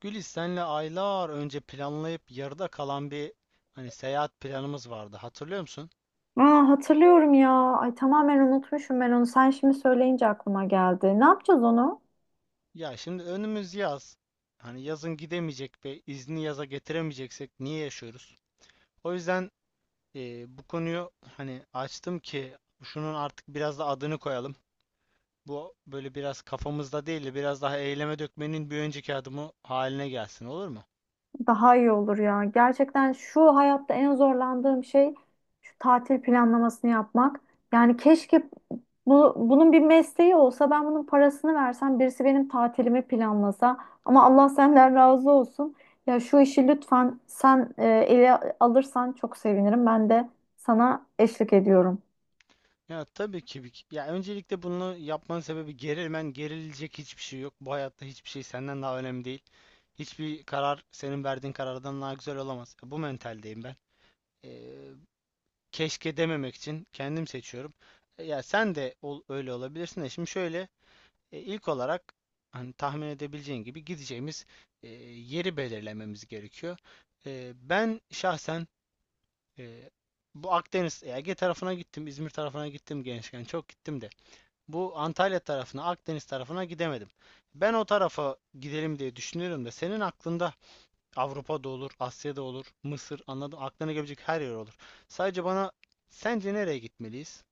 Güliz senle aylar önce planlayıp yarıda kalan bir hani seyahat planımız vardı. Hatırlıyor musun? Aa, hatırlıyorum ya. Ay tamamen unutmuşum ben onu. Sen şimdi söyleyince aklıma geldi. Ne yapacağız onu? Ya şimdi önümüz yaz. Hani yazın gidemeyecek ve izni yaza getiremeyeceksek niye yaşıyoruz? O yüzden bu konuyu hani açtım ki şunun artık biraz da adını koyalım. Bu böyle biraz kafamızda değil de biraz daha eyleme dökmenin bir önceki adımı haline gelsin, olur mu? Daha iyi olur ya. Gerçekten şu hayatta en zorlandığım şey şu tatil planlamasını yapmak. Yani keşke bunun bir mesleği olsa ben bunun parasını versem birisi benim tatilimi planlasa. Ama Allah senden razı olsun. Ya şu işi lütfen sen ele alırsan çok sevinirim. Ben de sana eşlik ediyorum. Ya tabii ki. Ya öncelikle bunu yapmanın sebebi gerilmen, gerilecek hiçbir şey yok. Bu hayatta hiçbir şey senden daha önemli değil. Hiçbir karar senin verdiğin karardan daha güzel olamaz. Bu mentaldeyim ben. Ee, Keşke dememek için kendim seçiyorum. Ya sen de ol, öyle olabilirsin de. Şimdi şöyle, ilk olarak hani tahmin edebileceğin gibi gideceğimiz yeri belirlememiz gerekiyor. Ben şahsen e, bu Akdeniz, Ege tarafına gittim, İzmir tarafına gittim, gençken çok gittim de. Bu Antalya tarafına, Akdeniz tarafına gidemedim. Ben o tarafa gidelim diye düşünüyorum da senin aklında Avrupa'da olur, Asya'da olur, Mısır, anladım. Aklına gelebilecek her yer olur. Sadece bana sence nereye gitmeliyiz?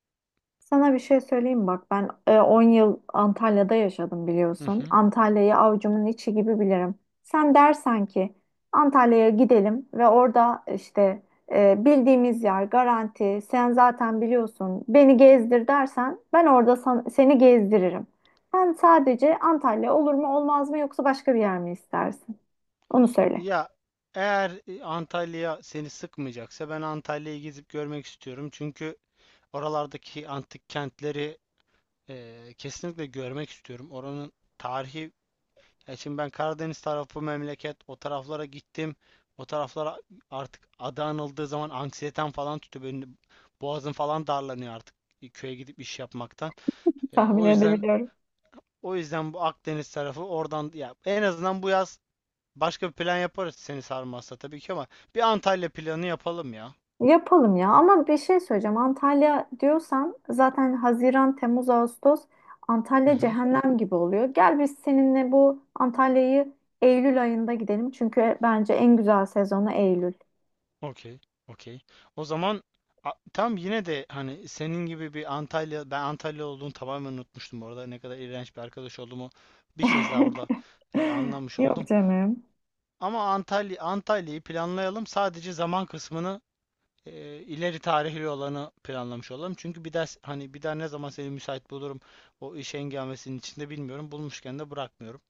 Sana bir şey söyleyeyim bak ben 10 yıl Antalya'da yaşadım Hı biliyorsun. hı. Antalya'yı avucumun içi gibi bilirim. Sen dersen ki Antalya'ya gidelim ve orada işte bildiğimiz yer garanti sen zaten biliyorsun beni gezdir dersen ben orada seni gezdiririm. Sen sadece Antalya olur mu olmaz mı yoksa başka bir yer mi istersin? Onu söyle. Ya eğer Antalya seni sıkmayacaksa, ben Antalya'yı gezip görmek istiyorum. Çünkü oralardaki antik kentleri kesinlikle görmek istiyorum. Oranın tarihi. Şimdi ben Karadeniz tarafı memleket, o taraflara gittim. O taraflara artık adı anıldığı zaman anksiyetem falan tutuyor. Benim boğazım falan darlanıyor artık, köye gidip iş yapmaktan. E, Tahmin o yüzden edebiliyorum. o yüzden bu Akdeniz tarafı, oradan ya, en azından bu yaz başka bir plan yaparız seni sarmazsa tabii ki ama bir Antalya planı yapalım ya. Yapalım ya ama bir şey söyleyeceğim. Antalya diyorsan zaten Haziran, Temmuz, Ağustos Hı Antalya hı. cehennem gibi oluyor. Gel biz seninle bu Antalya'yı Eylül ayında gidelim. Çünkü bence en güzel sezonu Eylül. Okey, okey. O zaman tam, yine de hani senin gibi bir Antalya, ben Antalya olduğunu tamamen unutmuştum orada. Ne kadar iğrenç bir arkadaş olduğumu bir kez daha burada anlamış Yok oldum. canım. Ama Antalya'yı planlayalım. Sadece zaman kısmını, e, ileri tarihli olanı planlamış olalım. Çünkü bir ders hani, bir daha ne zaman seni müsait bulurum o iş hengamesinin içinde bilmiyorum. Bulmuşken de bırakmıyorum.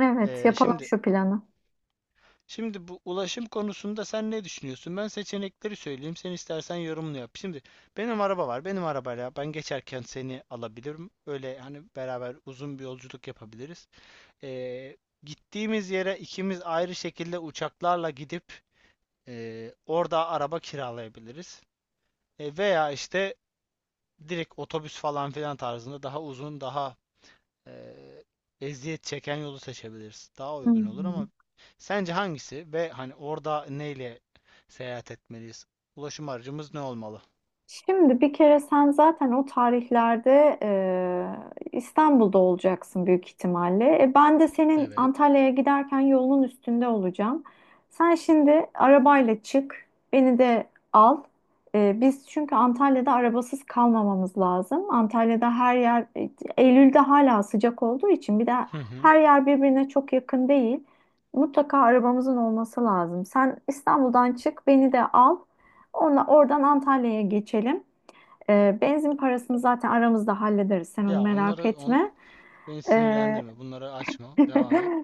Evet, E, yapalım şimdi şu planı. Şimdi bu ulaşım konusunda sen ne düşünüyorsun? Ben seçenekleri söyleyeyim, sen istersen yorumunu yap. Şimdi benim araba var. Benim arabayla ben geçerken seni alabilirim. Öyle hani beraber uzun bir yolculuk yapabiliriz. Ee, Gittiğimiz yere ikimiz ayrı şekilde uçaklarla gidip orada araba kiralayabiliriz. Veya işte direkt otobüs falan filan tarzında daha uzun, daha eee, eziyet çeken yolu seçebiliriz. Daha uygun olur Hmm. ama sence hangisi, ve hani orada neyle seyahat etmeliyiz? Ulaşım aracımız ne olmalı? Şimdi bir kere sen zaten o tarihlerde İstanbul'da olacaksın büyük ihtimalle. E, ben de senin Evet. Antalya'ya giderken yolun üstünde olacağım. Sen şimdi arabayla çık, beni de al. E, biz çünkü Antalya'da arabasız kalmamamız lazım. Antalya'da her yer, Eylül'de hala sıcak olduğu için bir de Hı hı. her yer birbirine çok yakın değil. Mutlaka arabamızın olması lazım. Sen İstanbul'dan çık, beni de al. Ona, oradan Antalya'ya geçelim. Benzin parasını zaten aramızda hallederiz. Sen onu Ya merak onları etme. beni Ee, sinirlendirme. Bunları açma, devam et.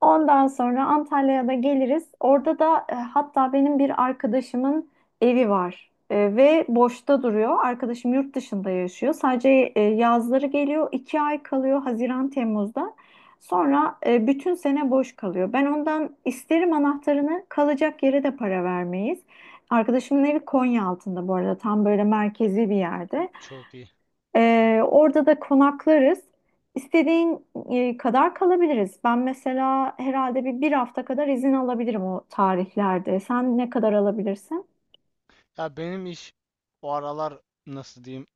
Ondan sonra Antalya'ya da geliriz. Orada da hatta benim bir arkadaşımın evi var. E, ve boşta duruyor. Arkadaşım yurt dışında yaşıyor. Sadece yazları geliyor, iki ay kalıyor Haziran, Temmuz'da. Sonra bütün sene boş kalıyor. Ben ondan isterim anahtarını, kalacak yere de para vermeyiz. Arkadaşımın evi Konya altında bu arada tam böyle merkezi bir yerde. Çok iyi. Orada da konaklarız. İstediğin kadar kalabiliriz. Ben mesela herhalde bir hafta kadar izin alabilirim o tarihlerde. Sen ne kadar alabilirsin? Ya benim iş o aralar, nasıl diyeyim,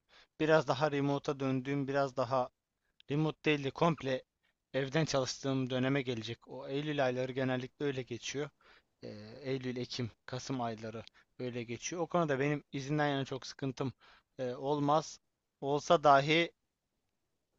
biraz daha remote'a döndüğüm, biraz daha, remote değil de komple evden çalıştığım döneme gelecek. O Eylül ayları genellikle öyle geçiyor. Eylül, Ekim, Kasım ayları öyle geçiyor. O konuda benim izinden yana çok sıkıntım olmaz. Olsa dahi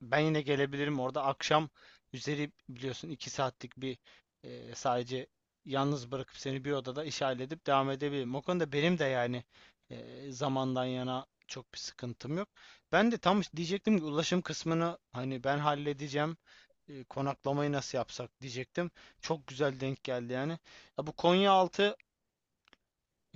ben yine gelebilirim orada. Akşam üzeri biliyorsun, iki saatlik bir sadece yalnız bırakıp seni bir odada iş halledip devam edebilirim. O konuda benim de yani zamandan yana çok bir sıkıntım yok. Ben de tam diyecektim ki ulaşım kısmını hani ben halledeceğim. Konaklamayı nasıl yapsak diyecektim. Çok güzel denk geldi yani. Ya bu Konyaaltı,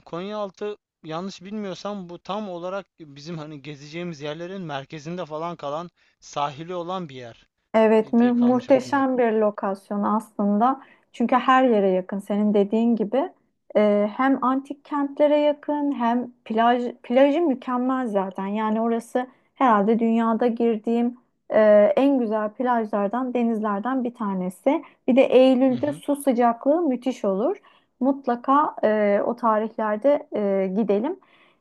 Konyaaltı yanlış bilmiyorsam, bu tam olarak bizim hani gezeceğimiz yerlerin merkezinde falan kalan, sahili olan bir yer Evet, diye kalmış aklımda. muhteşem bir lokasyon aslında. Çünkü her yere yakın. Senin dediğin gibi hem antik kentlere yakın hem plajı mükemmel zaten. Yani orası herhalde dünyada girdiğim e, en güzel plajlardan, denizlerden bir tanesi. Bir de Hı Eylül'de hı. su sıcaklığı müthiş olur. Mutlaka o tarihlerde gidelim.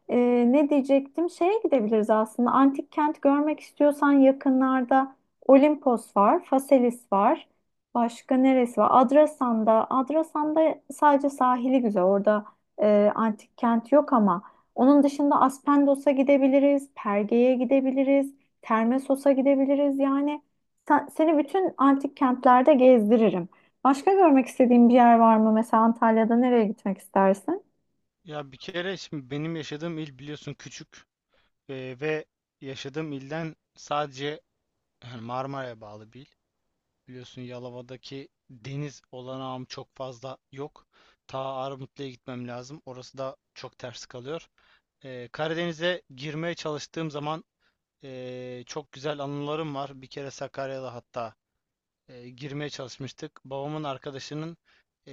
E, ne diyecektim? Şeye gidebiliriz aslında. Antik kent görmek istiyorsan yakınlarda. Olimpos var, Faselis var. Başka neresi var? Adrasan'da sadece sahili güzel. Orada antik kent yok ama onun dışında Aspendos'a gidebiliriz, Perge'ye gidebiliriz, Termessos'a gidebiliriz. Yani seni bütün antik kentlerde gezdiririm. Başka görmek istediğin bir yer var mı? Mesela Antalya'da nereye gitmek istersin? Ya bir kere şimdi benim yaşadığım il, biliyorsun, küçük ve yaşadığım ilden sadece yani Marmara'ya bağlı bir il. Biliyorsun Yalova'daki deniz olanağım çok fazla yok. Ta Armutlu'ya gitmem lazım, orası da çok ters kalıyor. Karadeniz'e girmeye çalıştığım zaman çok güzel anılarım var. Bir kere Sakarya'da hatta girmeye çalışmıştık. Babamın arkadaşının e,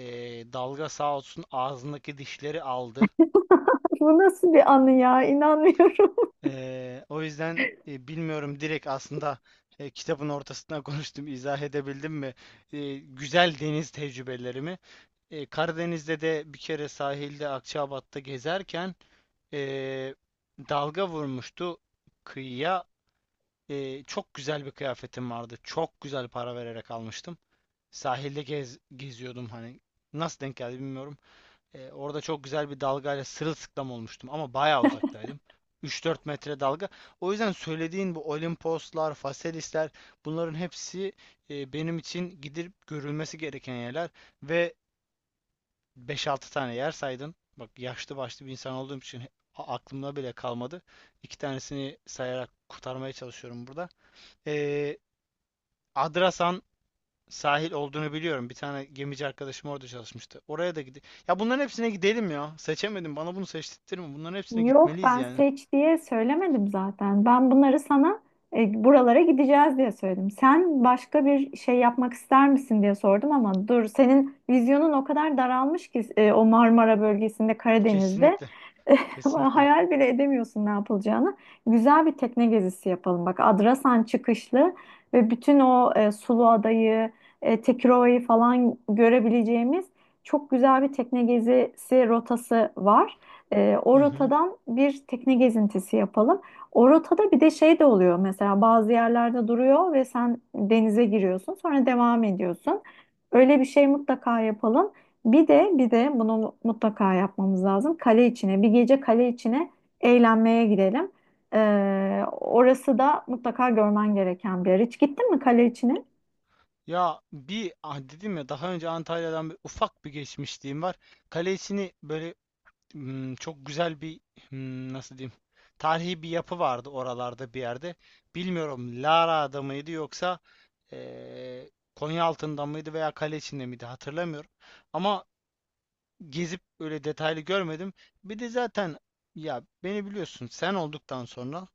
dalga sağ olsun ağzındaki dişleri aldı. Bu nasıl bir anı ya? İnanmıyorum. O yüzden bilmiyorum, direkt aslında kitabın ortasına konuştum, izah edebildim mi? Güzel deniz tecrübelerimi. Karadeniz'de de bir kere sahilde Akçaabat'ta gezerken e, dalga vurmuştu kıyıya. Çok güzel bir kıyafetim vardı, çok güzel para vererek almıştım. Sahilde geziyordum hani. Nasıl denk geldi bilmiyorum. Orada çok güzel bir dalgayla sırılsıklam olmuştum ama bayağı uzaktaydım. 3-4 metre dalga. O yüzden söylediğin bu Olimposlar, Faselisler, bunların hepsi benim için gidip görülmesi gereken yerler. Ve 5-6 tane yer saydın. Bak yaşlı başlı bir insan olduğum için aklımda bile kalmadı. İki tanesini sayarak kurtarmaya çalışıyorum burada. E, Adrasan sahil olduğunu biliyorum. Bir tane gemici arkadaşım orada çalışmıştı. Oraya da gide. Ya bunların hepsine gidelim ya. Seçemedim, bana bunu seçtirtme. Bunların hepsine Yok, gitmeliyiz ben yani. seç diye söylemedim zaten. Ben bunları sana buralara gideceğiz diye söyledim. Sen başka bir şey yapmak ister misin diye sordum ama dur, senin vizyonun o kadar daralmış ki o Marmara bölgesinde Karadeniz'de Kesinlikle. Kesinlikle. hayal bile edemiyorsun ne yapılacağını. Güzel bir tekne gezisi yapalım. Bak Adrasan çıkışlı ve bütün o Suluada'yı, Tekirova'yı falan görebileceğimiz çok güzel bir tekne gezisi rotası var. Hı O hı. rotadan bir tekne gezintisi yapalım. O rotada bir de şey de oluyor, mesela bazı yerlerde duruyor ve sen denize giriyorsun sonra devam ediyorsun. Öyle bir şey mutlaka yapalım. Bir de bunu mutlaka yapmamız lazım. Kale içine bir gece, kale içine eğlenmeye gidelim. Orası da mutlaka görmen gereken bir yer. Hiç gittin mi kale içine? Ya bir ah dedim ya, daha önce Antalya'dan ufak bir geçmişliğim var. Kalesini böyle, çok güzel bir, nasıl diyeyim, tarihi bir yapı vardı oralarda bir yerde. Bilmiyorum Lara'da mıydı, yoksa eee Konyaaltı'nda mıydı veya kale içinde miydi, hatırlamıyorum. Ama gezip öyle detaylı görmedim. Bir de zaten ya, beni biliyorsun, sen olduktan sonra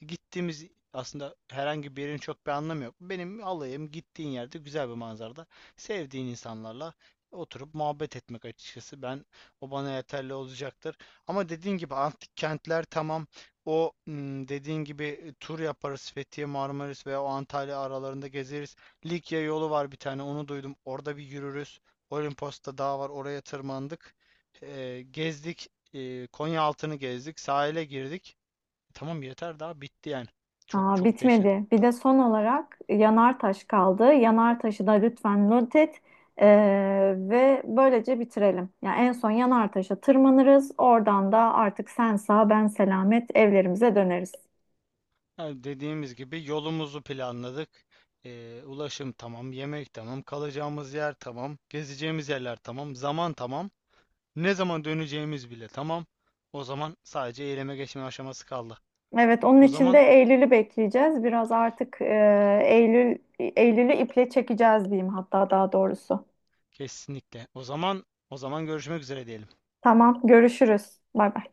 gittiğimiz aslında herhangi bir yerin çok bir anlamı yok. Benim alayım gittiğin yerde güzel bir manzarada sevdiğin insanlarla oturup muhabbet etmek, açıkçası. Ben, o bana yeterli olacaktır. Ama dediğin gibi antik kentler tamam. O dediğin gibi tur yaparız, Fethiye, Marmaris veya o Antalya aralarında gezeriz. Likya yolu var bir tane, onu duydum. Orada bir yürürüz. Olimpos'ta dağ var, oraya tırmandık. Gezdik. Konya altını gezdik, sahile girdik. Tamam, yeter, daha bitti yani. Çok Aa, çok dehşet. bitmedi. Bir de son olarak Yanartaş kaldı. Yanartaş'ı da lütfen not et. Ve böylece bitirelim. Yani en son Yanartaş'a tırmanırız. Oradan da artık sen sağ ben selamet evlerimize döneriz. Ha, dediğimiz gibi yolumuzu planladık. Ulaşım tamam, yemek tamam, kalacağımız yer tamam, gezeceğimiz yerler tamam, zaman tamam, ne zaman döneceğimiz bile tamam. O zaman sadece eyleme geçme aşaması kaldı. Evet, onun O için de zaman Eylül'ü bekleyeceğiz. Biraz artık Eylül'ü iple çekeceğiz diyeyim, hatta daha doğrusu. kesinlikle. O zaman, görüşmek üzere diyelim. Tamam, görüşürüz. Bay bay.